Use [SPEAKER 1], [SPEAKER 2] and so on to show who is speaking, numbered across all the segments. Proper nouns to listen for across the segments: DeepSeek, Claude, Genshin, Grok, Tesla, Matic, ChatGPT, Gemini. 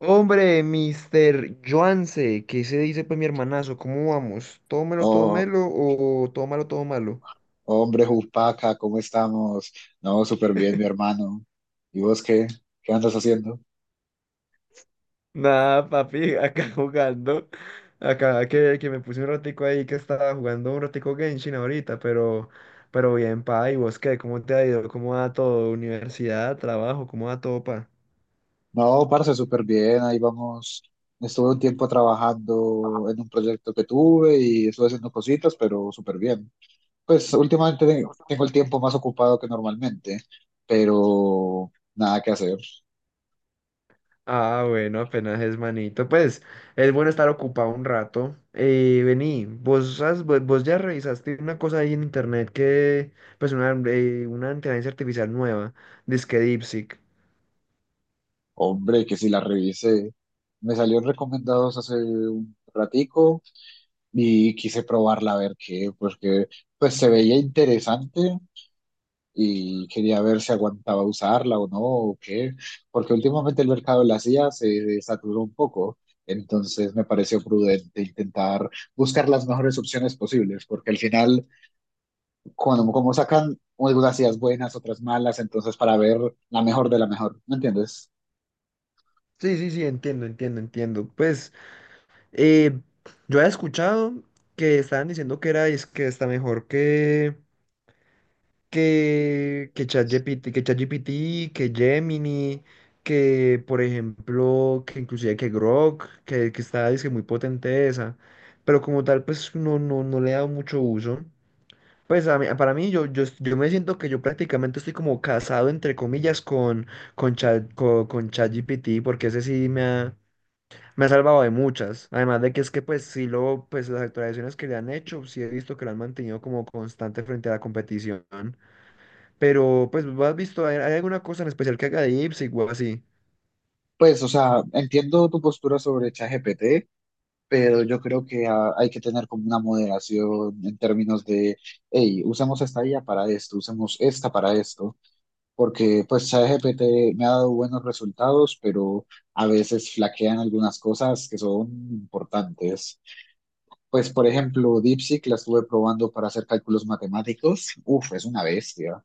[SPEAKER 1] Hombre, mister Joanse, ¿qué se dice pues mi hermanazo? ¿Cómo vamos? ¿Tómelo,
[SPEAKER 2] Oh,
[SPEAKER 1] tómelo o tómalo, todo malo?
[SPEAKER 2] hombre, Jupaca, ¿cómo estamos? No, súper bien, mi hermano. ¿Y vos qué? ¿Qué andas haciendo?
[SPEAKER 1] Nada, papi, acá jugando. Acá que me puse un ratico ahí que estaba jugando un ratico Genshin ahorita, pero bien, pa. ¿Y vos qué? ¿Cómo te ha ido? ¿Cómo va todo? Universidad, trabajo, ¿cómo va todo, pa?
[SPEAKER 2] No, parce, súper bien, ahí vamos. Estuve un tiempo trabajando en un proyecto que tuve y estuve haciendo cositas, pero súper bien. Pues últimamente tengo el tiempo más ocupado que normalmente, pero nada que hacer.
[SPEAKER 1] Ah, bueno, apenas es manito. Pues es bueno estar ocupado un rato. Vení, vos, vos ya revisaste una cosa ahí en internet que, pues una inteligencia artificial nueva, dizque DeepSeek.
[SPEAKER 2] Hombre, que si la revisé. Me salieron recomendados hace un ratico y quise probarla a ver qué, pues que pues se veía interesante y quería ver si aguantaba usarla o no, o qué, porque últimamente el mercado de las IA se saturó un poco, entonces me pareció prudente intentar buscar las mejores opciones posibles, porque al final, cuando, como sacan algunas IAs buenas, otras malas, entonces para ver la mejor de la mejor, ¿me entiendes?
[SPEAKER 1] Sí, sí, sí, entiendo, entiendo, entiendo. Pues eh, yo he escuchado que estaban diciendo que es que está mejor que ChatGPT, que ChatGPT, que Gemini, que por ejemplo, que inclusive que Grok, que está dice, muy potente esa, pero como tal pues no le he dado mucho uso. Pues para mí yo me siento que yo prácticamente estoy como casado entre comillas con ChatGPT porque ese sí me ha salvado de muchas. Además de que es que pues las actualizaciones que le han hecho, sí he visto que lo han mantenido como constante frente a la competición. Pero, pues, ¿lo ¿has visto? ¿Hay, hay alguna cosa en especial que haga de Ipswich o así?
[SPEAKER 2] Pues, o sea, entiendo tu postura sobre ChatGPT, pero yo creo que hay que tener como una moderación en términos de, hey, usamos esta IA para esto, usamos esta para esto, porque pues ChatGPT me ha dado buenos resultados, pero a veces flaquean algunas cosas que son importantes. Pues por ejemplo, DeepSeek la estuve probando para hacer cálculos matemáticos, uf, es una bestia,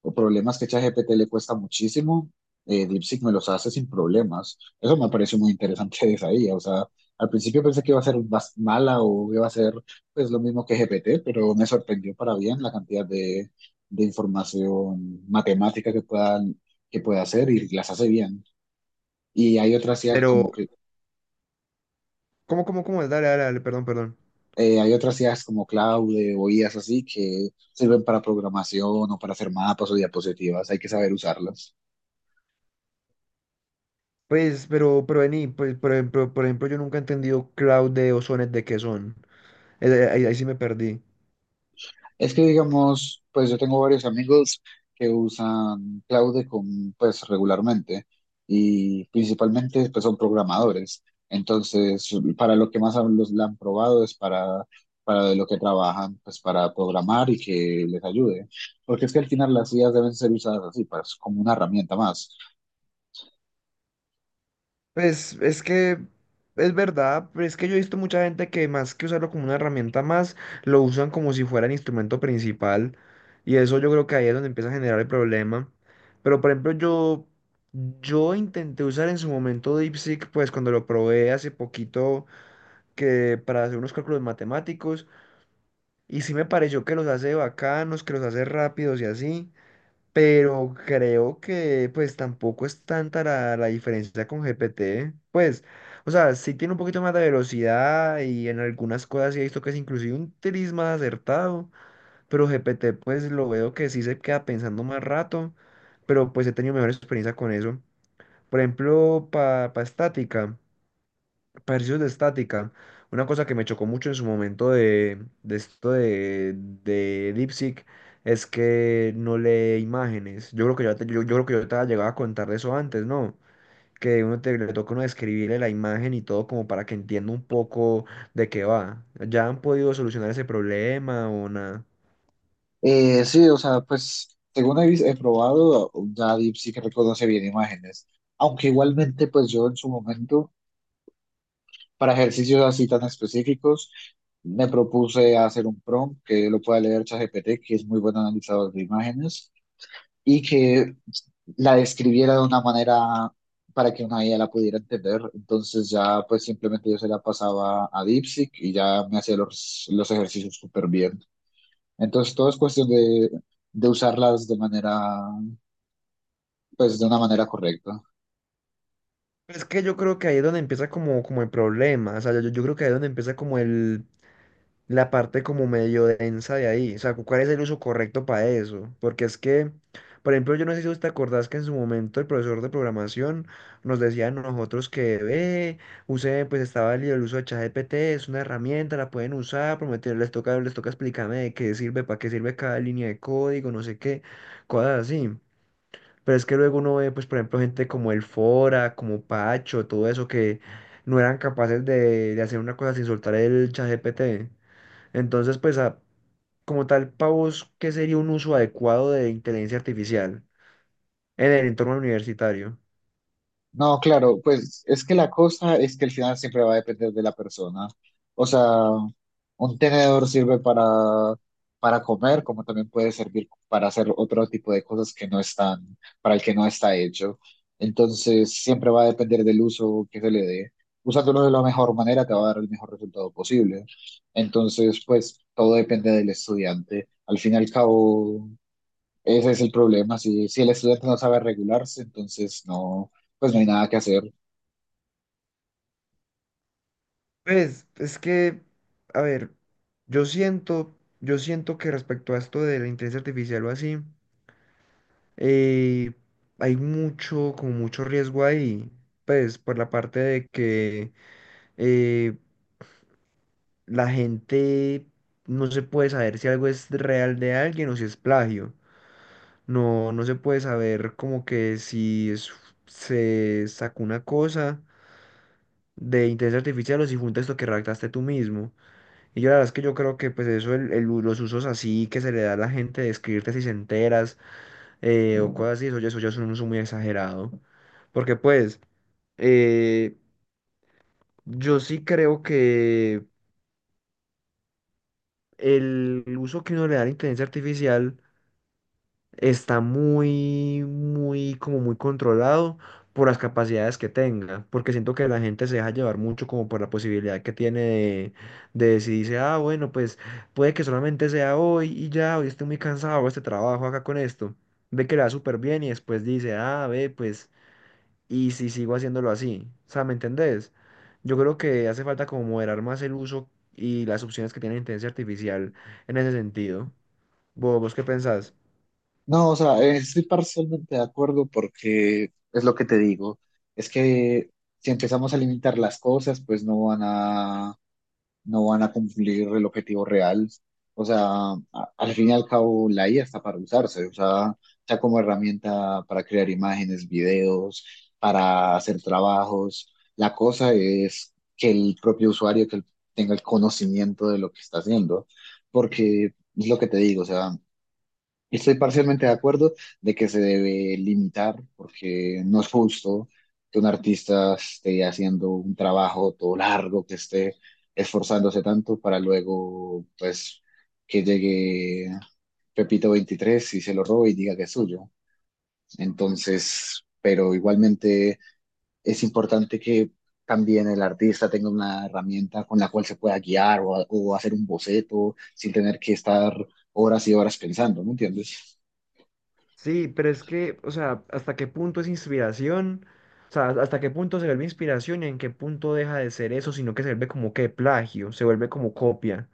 [SPEAKER 2] o problemas que ChatGPT le cuesta muchísimo, DeepSeek me los hace sin problemas. Eso me pareció muy interesante de esa IA. O sea, al principio pensé que iba a ser más mala o iba a ser pues lo mismo que GPT, pero me sorprendió para bien la cantidad de información matemática que puedan que puede hacer, y las hace bien. Y hay otras IAs como
[SPEAKER 1] Pero, ¿cómo es? Dale, dale, dale, perdón, perdón.
[SPEAKER 2] hay otras IAs como Claude o IAs así que sirven para programación o para hacer mapas o diapositivas. Hay que saber usarlas.
[SPEAKER 1] Pues, vení, pues, por ejemplo, yo nunca he entendido cloud de ozones de qué son. Ahí, ahí sí me perdí.
[SPEAKER 2] Es que digamos, pues yo tengo varios amigos que usan Cloud con, pues regularmente, y principalmente pues son programadores. Entonces, para lo que más la han probado es para de lo que trabajan, pues para programar y que les ayude. Porque es que al final las IAs deben ser usadas así, pues, como una herramienta más.
[SPEAKER 1] Pues es que es verdad, pero es que yo he visto mucha gente que más que usarlo como una herramienta más, lo usan como si fuera el instrumento principal y eso yo creo que ahí es donde empieza a generar el problema. Pero por ejemplo yo intenté usar en su momento DeepSeek, pues cuando lo probé hace poquito que para hacer unos cálculos matemáticos y sí me pareció que los hace bacanos, que los hace rápidos y así, pero creo que pues tampoco es tanta la diferencia con GPT. Pues, o sea, sí tiene un poquito más de velocidad y en algunas cosas sí he visto que es inclusive un tris más acertado, pero GPT pues lo veo que sí se queda pensando más rato, pero pues he tenido mejor experiencia con eso. Por ejemplo, para estática. Ejercicios de estática. Una cosa que me chocó mucho en su momento de esto de DeepSeek es que no lee imágenes. Yo creo que yo creo que yo te había llegado a contar de eso antes, ¿no? Que le toca uno describirle la imagen y todo como para que entienda un poco de qué va. ¿Ya han podido solucionar ese problema o nada?
[SPEAKER 2] Sí, o sea, pues según he probado, ya Deep sí que reconoce bien imágenes. Aunque igualmente, pues yo en su momento... Para ejercicios así tan específicos, me propuse hacer un prompt que lo pueda leer ChatGPT, que es muy buen analizador de imágenes, y que la describiera de una manera para que una IA la pudiera entender. Entonces ya pues simplemente yo se la pasaba a DeepSeek y ya me hacía los ejercicios súper bien. Entonces todo es cuestión de usarlas de manera, pues de una manera correcta.
[SPEAKER 1] Es que yo creo que ahí es donde empieza como el problema. O sea, yo creo que ahí es donde empieza como el la parte como medio densa de ahí. O sea, ¿cuál es el uso correcto para eso? Porque es que, por ejemplo, yo no sé si vos te acordás que en su momento el profesor de programación nos decía a nosotros que, ve, use, pues estaba el uso de ChatGPT, es una herramienta, la pueden usar, prometer, les toca explicarme de qué sirve, para qué sirve cada línea de código, no sé qué, cosas así. Pero es que luego uno ve, pues, por ejemplo, gente como el Fora, como Pacho, todo eso que no eran capaces de hacer una cosa sin soltar el ChatGPT. Entonces, pues, como tal, para vos, ¿qué sería un uso adecuado de inteligencia artificial en el entorno universitario?
[SPEAKER 2] No, claro, pues es que la cosa es que el final siempre va a depender de la persona. O sea, un tenedor sirve para comer, como también puede servir para hacer otro tipo de cosas que no están, para el que no está hecho. Entonces, siempre va a depender del uso que se le dé. Usándolo de la mejor manera te va a dar el mejor resultado posible. Entonces, pues todo depende del estudiante. Al fin y al cabo, ese es el problema, si el estudiante no sabe regularse, entonces no, pues no hay nada que hacer.
[SPEAKER 1] Pues es que, a ver, yo siento, yo siento que respecto a esto de la inteligencia artificial o así, eh, hay mucho, como mucho riesgo ahí, pues por la parte de que eh, la gente no se puede saber si algo es real de alguien o si es plagio. No se puede saber como que si es- se sacó una cosa de inteligencia artificial o si fue un texto que redactaste tú mismo. Y yo la verdad es que yo creo que pues eso, los usos así que se le da a la gente de escribirte si se enteras o cosas así, eso ya es un uso muy exagerado. Porque pues eh, yo sí creo que el uso que uno le da a la inteligencia artificial está muy controlado por las capacidades que tenga, porque siento que la gente se deja llevar mucho como por la posibilidad que tiene de decidirse, ah, bueno, pues puede que solamente sea hoy y ya, hoy estoy muy cansado, hago este trabajo acá con esto, ve que le va súper bien y después dice, ah, ve, pues, y si sigo haciéndolo así, o sea, ¿me entendés? Yo creo que hace falta como moderar más el uso y las opciones que tiene la inteligencia artificial en ese sentido. ¿Vos qué pensás?
[SPEAKER 2] No, o sea, estoy parcialmente de acuerdo porque es lo que te digo, es que si empezamos a limitar las cosas, pues no van a cumplir el objetivo real. O sea, a- al fin y al cabo, la IA está para usarse, o sea, está como herramienta para crear imágenes, videos, para hacer trabajos. La cosa es que el propio usuario que tenga el conocimiento de lo que está haciendo, porque es lo que te digo, o sea, estoy parcialmente de acuerdo de que se debe limitar porque no es justo que un artista esté haciendo un trabajo todo largo, que esté esforzándose tanto para luego, pues, que llegue Pepito 23 y se lo robe y diga que es suyo. Entonces, pero igualmente es importante que también el artista tenga una herramienta con la cual se pueda guiar, o hacer un boceto sin tener que estar horas y horas pensando, ¿me entiendes?
[SPEAKER 1] Sí, pero es que, o sea, ¿hasta qué punto es inspiración? O sea, ¿hasta qué punto se vuelve inspiración y en qué punto deja de ser eso, sino que se vuelve como que plagio, se vuelve como copia?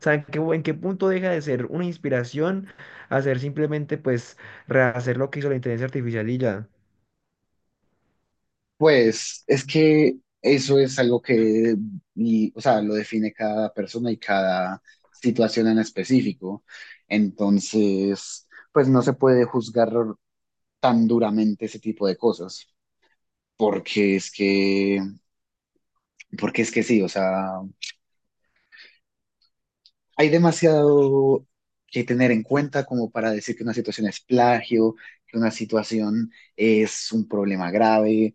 [SPEAKER 1] O sea, en qué punto deja de ser una inspiración a ser simplemente, pues, rehacer lo que hizo la inteligencia artificial y ya?
[SPEAKER 2] Pues es que eso es algo que, y, o sea, lo define cada persona y cada situación en específico. Entonces, pues no se puede juzgar tan duramente ese tipo de cosas, porque es que, porque es que sí, o sea, hay demasiado que tener en cuenta como para decir que una situación es plagio, que una situación es un problema grave.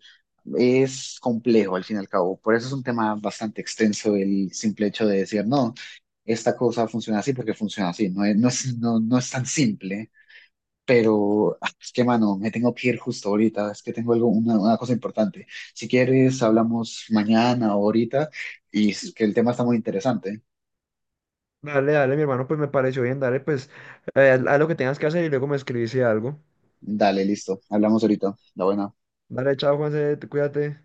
[SPEAKER 2] Es complejo al fin y al cabo. Por eso es un tema bastante extenso el simple hecho de decir, no, esta cosa funciona así porque funciona así. No es tan simple, pero es que, mano, me tengo que ir justo ahorita. Es que tengo algo, una cosa importante. Si quieres, hablamos mañana o ahorita, y es que el tema está muy interesante.
[SPEAKER 1] Dale, dale, mi hermano, pues me pareció bien, dale, pues, haz lo que tengas que hacer y luego me escribís si algo.
[SPEAKER 2] Dale, listo. Hablamos ahorita. La buena.
[SPEAKER 1] Dale, chao, Juanse, cuídate.